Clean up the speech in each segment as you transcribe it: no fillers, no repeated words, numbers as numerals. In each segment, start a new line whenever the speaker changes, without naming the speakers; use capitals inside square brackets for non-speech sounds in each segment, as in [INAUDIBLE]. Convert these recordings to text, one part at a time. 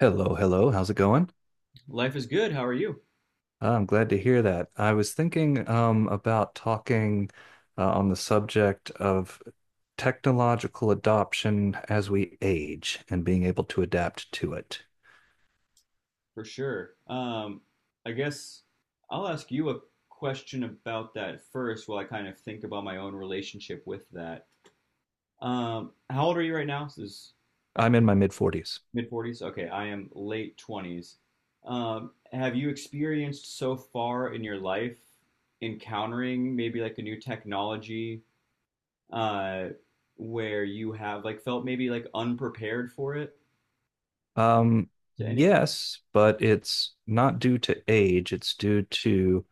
Hello, hello. How's it going?
Life is good. How are you?
I'm glad to hear that. I was thinking about talking on the subject of technological adoption as we age and being able to adapt to it.
For sure. I guess I'll ask you a question about that first while I kind of think about my own relationship with that. How old are you right now? This is
I'm in my mid 40s.
mid 40s? Okay, I am late 20s. Have you experienced so far in your life encountering maybe like a new technology uh, where you have like felt maybe like unprepared for it
Um,
to any?
yes, but it's not due to age, it's due to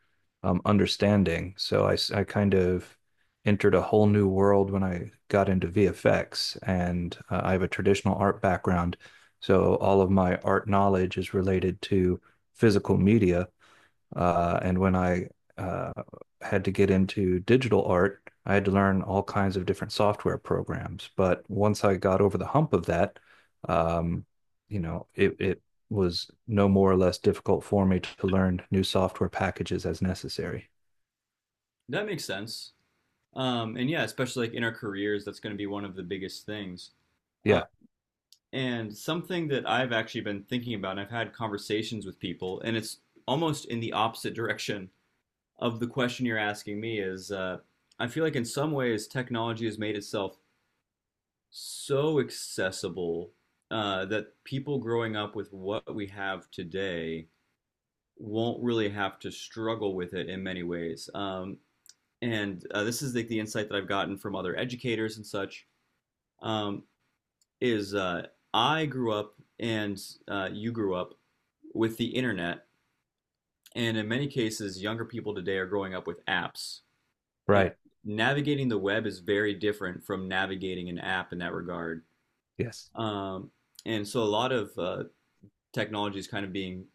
understanding. I kind of entered a whole new world when I got into VFX, and I have a traditional art background. So all of my art knowledge is related to physical media. And when I uh, had to get into digital art, I had to learn all kinds of different software programs. But once I got over the hump of that, um, it was no more or less difficult for me to learn new software packages as necessary.
That makes sense. And yeah, especially like in our careers, that's going to be one of the biggest things. Uh,
Yeah,
and something that I've actually been thinking about, and I've had conversations with people, and it's almost in the opposite direction of the question you're asking me is I feel like in some ways technology has made itself so accessible that people growing up with what we have today won't really have to struggle with it in many ways. And this is like the insight that I've gotten from other educators and such um, is I grew up and you grew up with the internet, and in many cases, younger people today are growing up with apps. And
right.
navigating the web is very different from navigating an app in that regard.
Yes,
Um, and so, a lot of technology is kind of being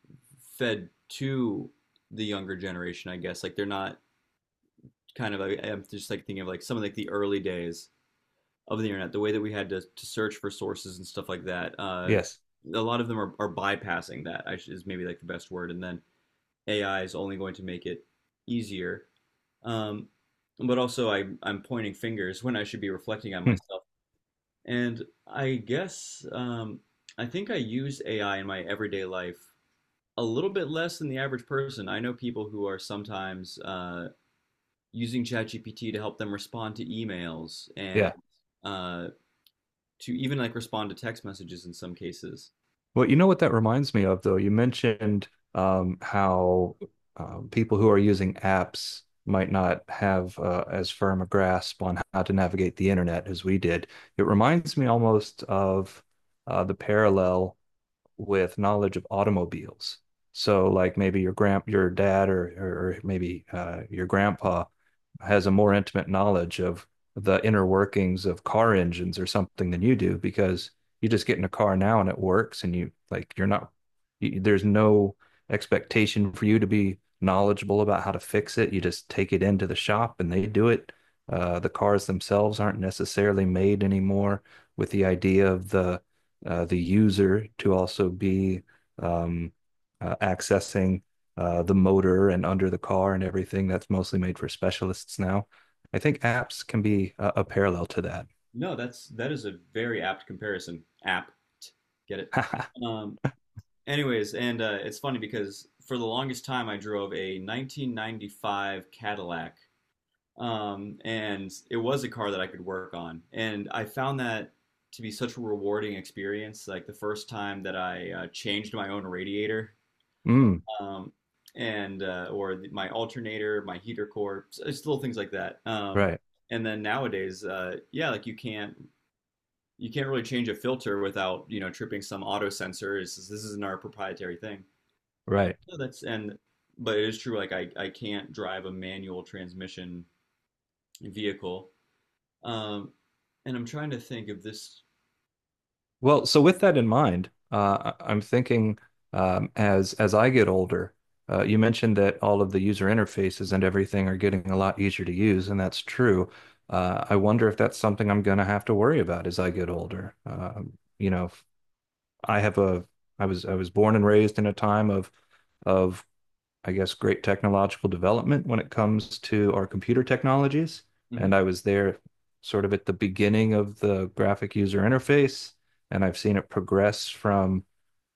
fed to the younger generation, I guess. Like they're not I'm just like thinking of like some of like the early days of the internet, the way that we had to search for sources and stuff like that.
yes.
A lot of them are bypassing that, is maybe like the best word. And then AI is only going to make it easier. Um, but also, I'm pointing fingers when I should be reflecting on
Hmm.
myself. And I guess I think I use AI in my everyday life a little bit less than the average person. I know people who are sometimes using ChatGPT to help them respond to emails and
Yeah.
uh, to even like respond to text messages in some cases.
Well, you know what that reminds me of, though? You mentioned how people who are using apps might not have as firm a grasp on how to navigate the internet as we did. It reminds me almost of the parallel with knowledge of automobiles. So like maybe your grand your dad or maybe your grandpa has a more intimate knowledge of the inner workings of car engines or something than you do because you just get in a car now and it works and you like you're not you, there's no expectation for you to be knowledgeable about how to fix it. You just take it into the shop and they do it. The cars themselves aren't necessarily made anymore with the idea of the user to also be um, accessing the motor and under the car and everything. That's mostly made for specialists now. I think apps can be a parallel to that.
No, that's that is a very apt comparison. Apt, get it?
[LAUGHS]
Um, Anyways, and it's funny because for the longest time I drove a 1995 Cadillac, and it was a car that I could work on, and I found that to be such a rewarding experience. Like the first time that I changed my own radiator
Mm,
um, and or my alternator, my heater core, just little things like that.
right,
And then nowadays, yeah, like you can't really change a filter without you know tripping some auto sensor. It's, this isn't our proprietary thing.
right.
So that's and but it is true. Like I can't drive a manual transmission vehicle. Um, and I'm trying to think of this.
Well, so with that in mind, I'm thinking as I get older, you mentioned that all of the user interfaces and everything are getting a lot easier to use, and that's true. I wonder if that's something I'm going to have to worry about as I get older. You know, I have a I was born and raised in a time of I guess great technological development when it comes to our computer technologies,
Mhm.
and I was there sort of at the beginning of the graphic user interface, and I've seen it progress from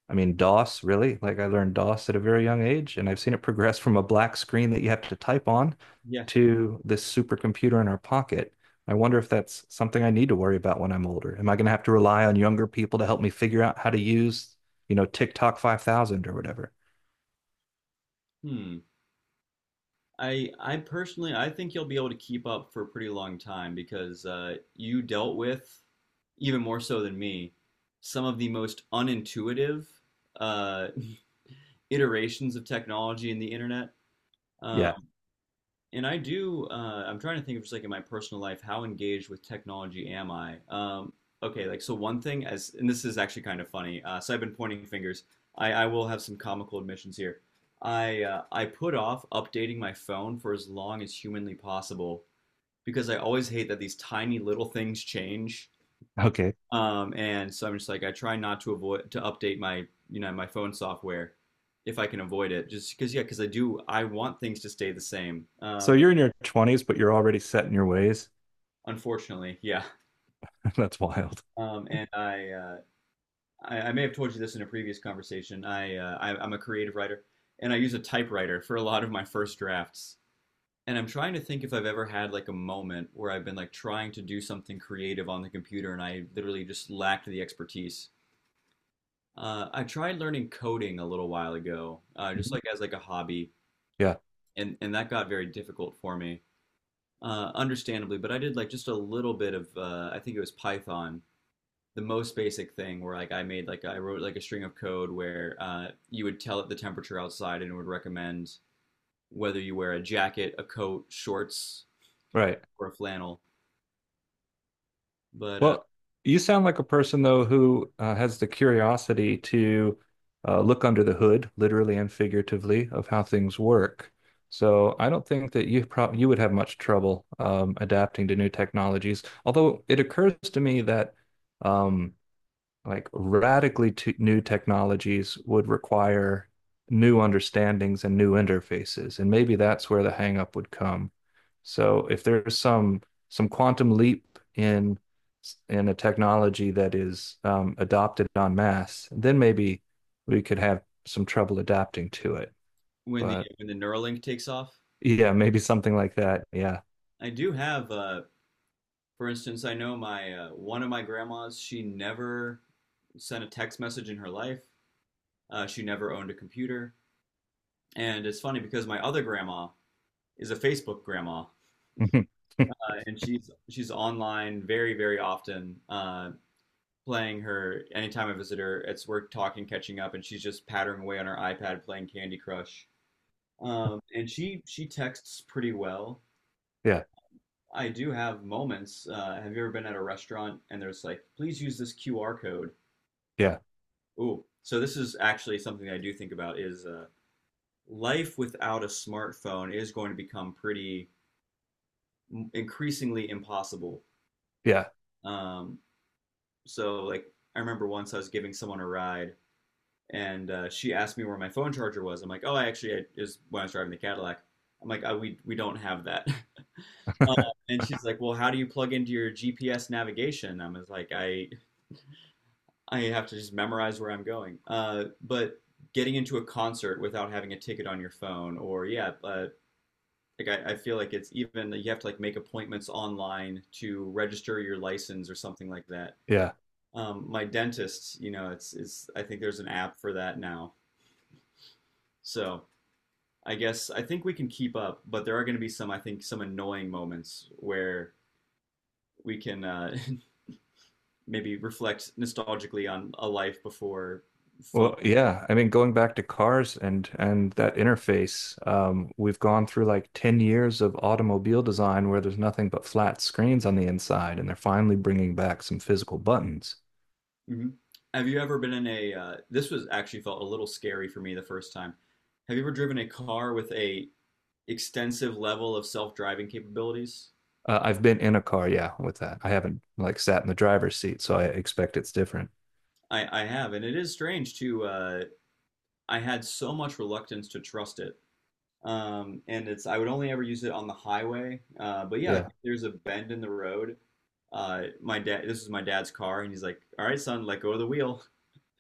I mean, DOS, really? Like I learned DOS at a very young age, and I've seen it progress from a black screen that you have to type on
Yeah.
to this supercomputer in our pocket. I wonder if that's something I need to worry about when I'm older. Am I going to have to rely on younger people to help me figure out how to use, you know, TikTok 5000 or whatever?
Hmm. I personally I think you'll be able to keep up for a pretty long time because you dealt with even more so than me some of the most unintuitive uh, [LAUGHS] iterations of technology in the internet. Um,
Yeah.
and I do, I'm trying to think of just like in my personal life, how engaged with technology am I? Okay, like so one thing as, and this is actually kind of funny. So I've been pointing fingers. I will have some comical admissions here. I put off updating my phone for as long as humanly possible because I always hate that these tiny little things change.
Okay.
And so I'm just like I try not to avoid to update my you know my phone software if I can avoid it just because yeah because I do I want things to stay the same.
So you're in your 20s, but you're already set in your ways.
Unfortunately, yeah.
[LAUGHS] That's wild. Mhm.
And I may have told you this in a previous conversation. I'm a creative writer, and I use a typewriter for a lot of my first drafts. And I'm trying to think if I've ever had like a moment where I've been like trying to do something creative on the computer, and I literally just lacked the expertise. I tried learning coding a little while ago, just like as like a hobby,
Yeah,
and that got very difficult for me, understandably. But I did like just a little bit of, I think it was Python, the most basic thing where like I made like I wrote like a string of code where you would tell it the temperature outside and it would recommend whether you wear a jacket, a coat, shorts,
right.
or a flannel. But
Well, you sound like a person though who has the curiosity to look under the hood, literally and figuratively, of how things work. So I don't think that you prob you would have much trouble adapting to new technologies. Although it occurs to me that um, like radically t new technologies would require new understandings and new interfaces, and maybe that's where the hangup would come. So if there's some quantum leap in a technology that is adopted en masse, then maybe we could have some trouble adapting to it.
when the
But
when the Neuralink takes off,
yeah, maybe something like that. Yeah.
I do have for instance, I know my one of my grandmas. She never sent a text message in her life. She never owned a computer, and it's funny because my other grandma is a Facebook grandma,
[LAUGHS]
and she's online very very often. Playing her anytime I visit her. It's we're talking, catching up, and she's just pattering away on her iPad playing Candy Crush. And she texts pretty well.
Yeah.
I do have moments. Have you ever been at a restaurant and there's like, please use this QR code?
Yeah.
Ooh, so this is actually something I do think about is life without a smartphone is going to become pretty increasingly impossible.
Yeah.
Um, so like I remember once I was giving someone a ride and she asked me where my phone charger was. I'm like, oh, it was when I was driving the Cadillac. I'm like, oh, we don't have that. [LAUGHS] Uh,
[LAUGHS]
and she's like, well, how do you plug into your GPS navigation? I was like, I have to just memorize where I'm going. But getting into a concert without having a ticket on your phone, or yeah, like I feel like it's even you have to like make appointments online to register your license or something like that.
Yeah.
My dentist, you know, it's I think there's an app for that now. So I guess I think we can keep up, but there are going to be some, I think, some annoying moments where we can [LAUGHS] maybe reflect nostalgically on a life before phone.
Well, yeah, I mean, going back to cars and that interface, we've gone through like 10 years of automobile design where there's nothing but flat screens on the inside, and they're finally bringing back some physical buttons.
Mhm. Have you ever been in a? This was actually felt a little scary for me the first time. Have you ever driven a car with a extensive level of self-driving capabilities?
I've been in a car, yeah, with that. I haven't like sat in the driver's seat, so I expect it's different.
I have, and it is strange too. I had so much reluctance to trust it, and it's I would only ever use it on the highway. But yeah, like,
Yeah.
if there's a bend in the road, my dad, this was my dad's car, and he's like, "All right, son, let go of the wheel."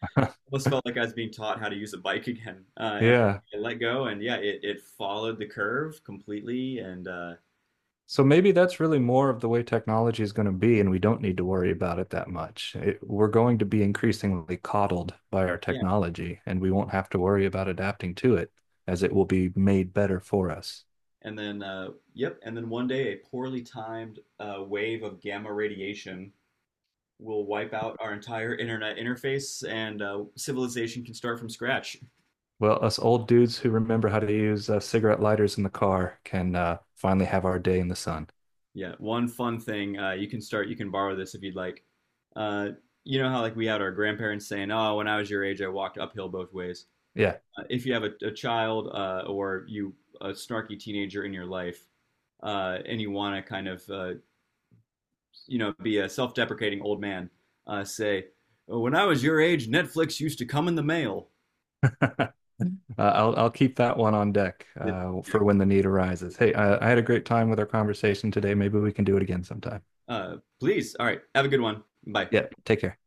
[LAUGHS]
Almost felt like I was being taught how to use a bike [LAUGHS] again, and
Yeah.
I let go, and yeah, it followed the curve completely, and
So maybe that's really more of the way technology is going to be, and we don't need to worry about it that much. It, we're going to be increasingly coddled by our
yeah,
technology, and we won't have to worry about adapting to it, as it will be made better for us.
and then yep, and then one day a poorly timed wave of gamma radiation will wipe out our entire internet interface, and civilization can start from scratch.
Well, us old dudes who remember how to use cigarette lighters in the car can finally have our day in the sun.
Yeah, one fun thing, you can start, you can borrow this if you'd like. Uh, you know how like we had our grandparents saying, "Oh, when I was your age, I walked uphill both ways."
Yeah,
If you have a child or you a snarky teenager in your life, and you want to kind of you know be a self-deprecating old man, say, "Oh, "When I was your age, Netflix used to come in the mail."
[LAUGHS] uh, I'll keep that one on deck
It- like,
for when the need arises. Hey, I had a great time with our conversation today. Maybe we can do it again sometime.
Please, all right, have a good one. Bye.
Yeah, take care.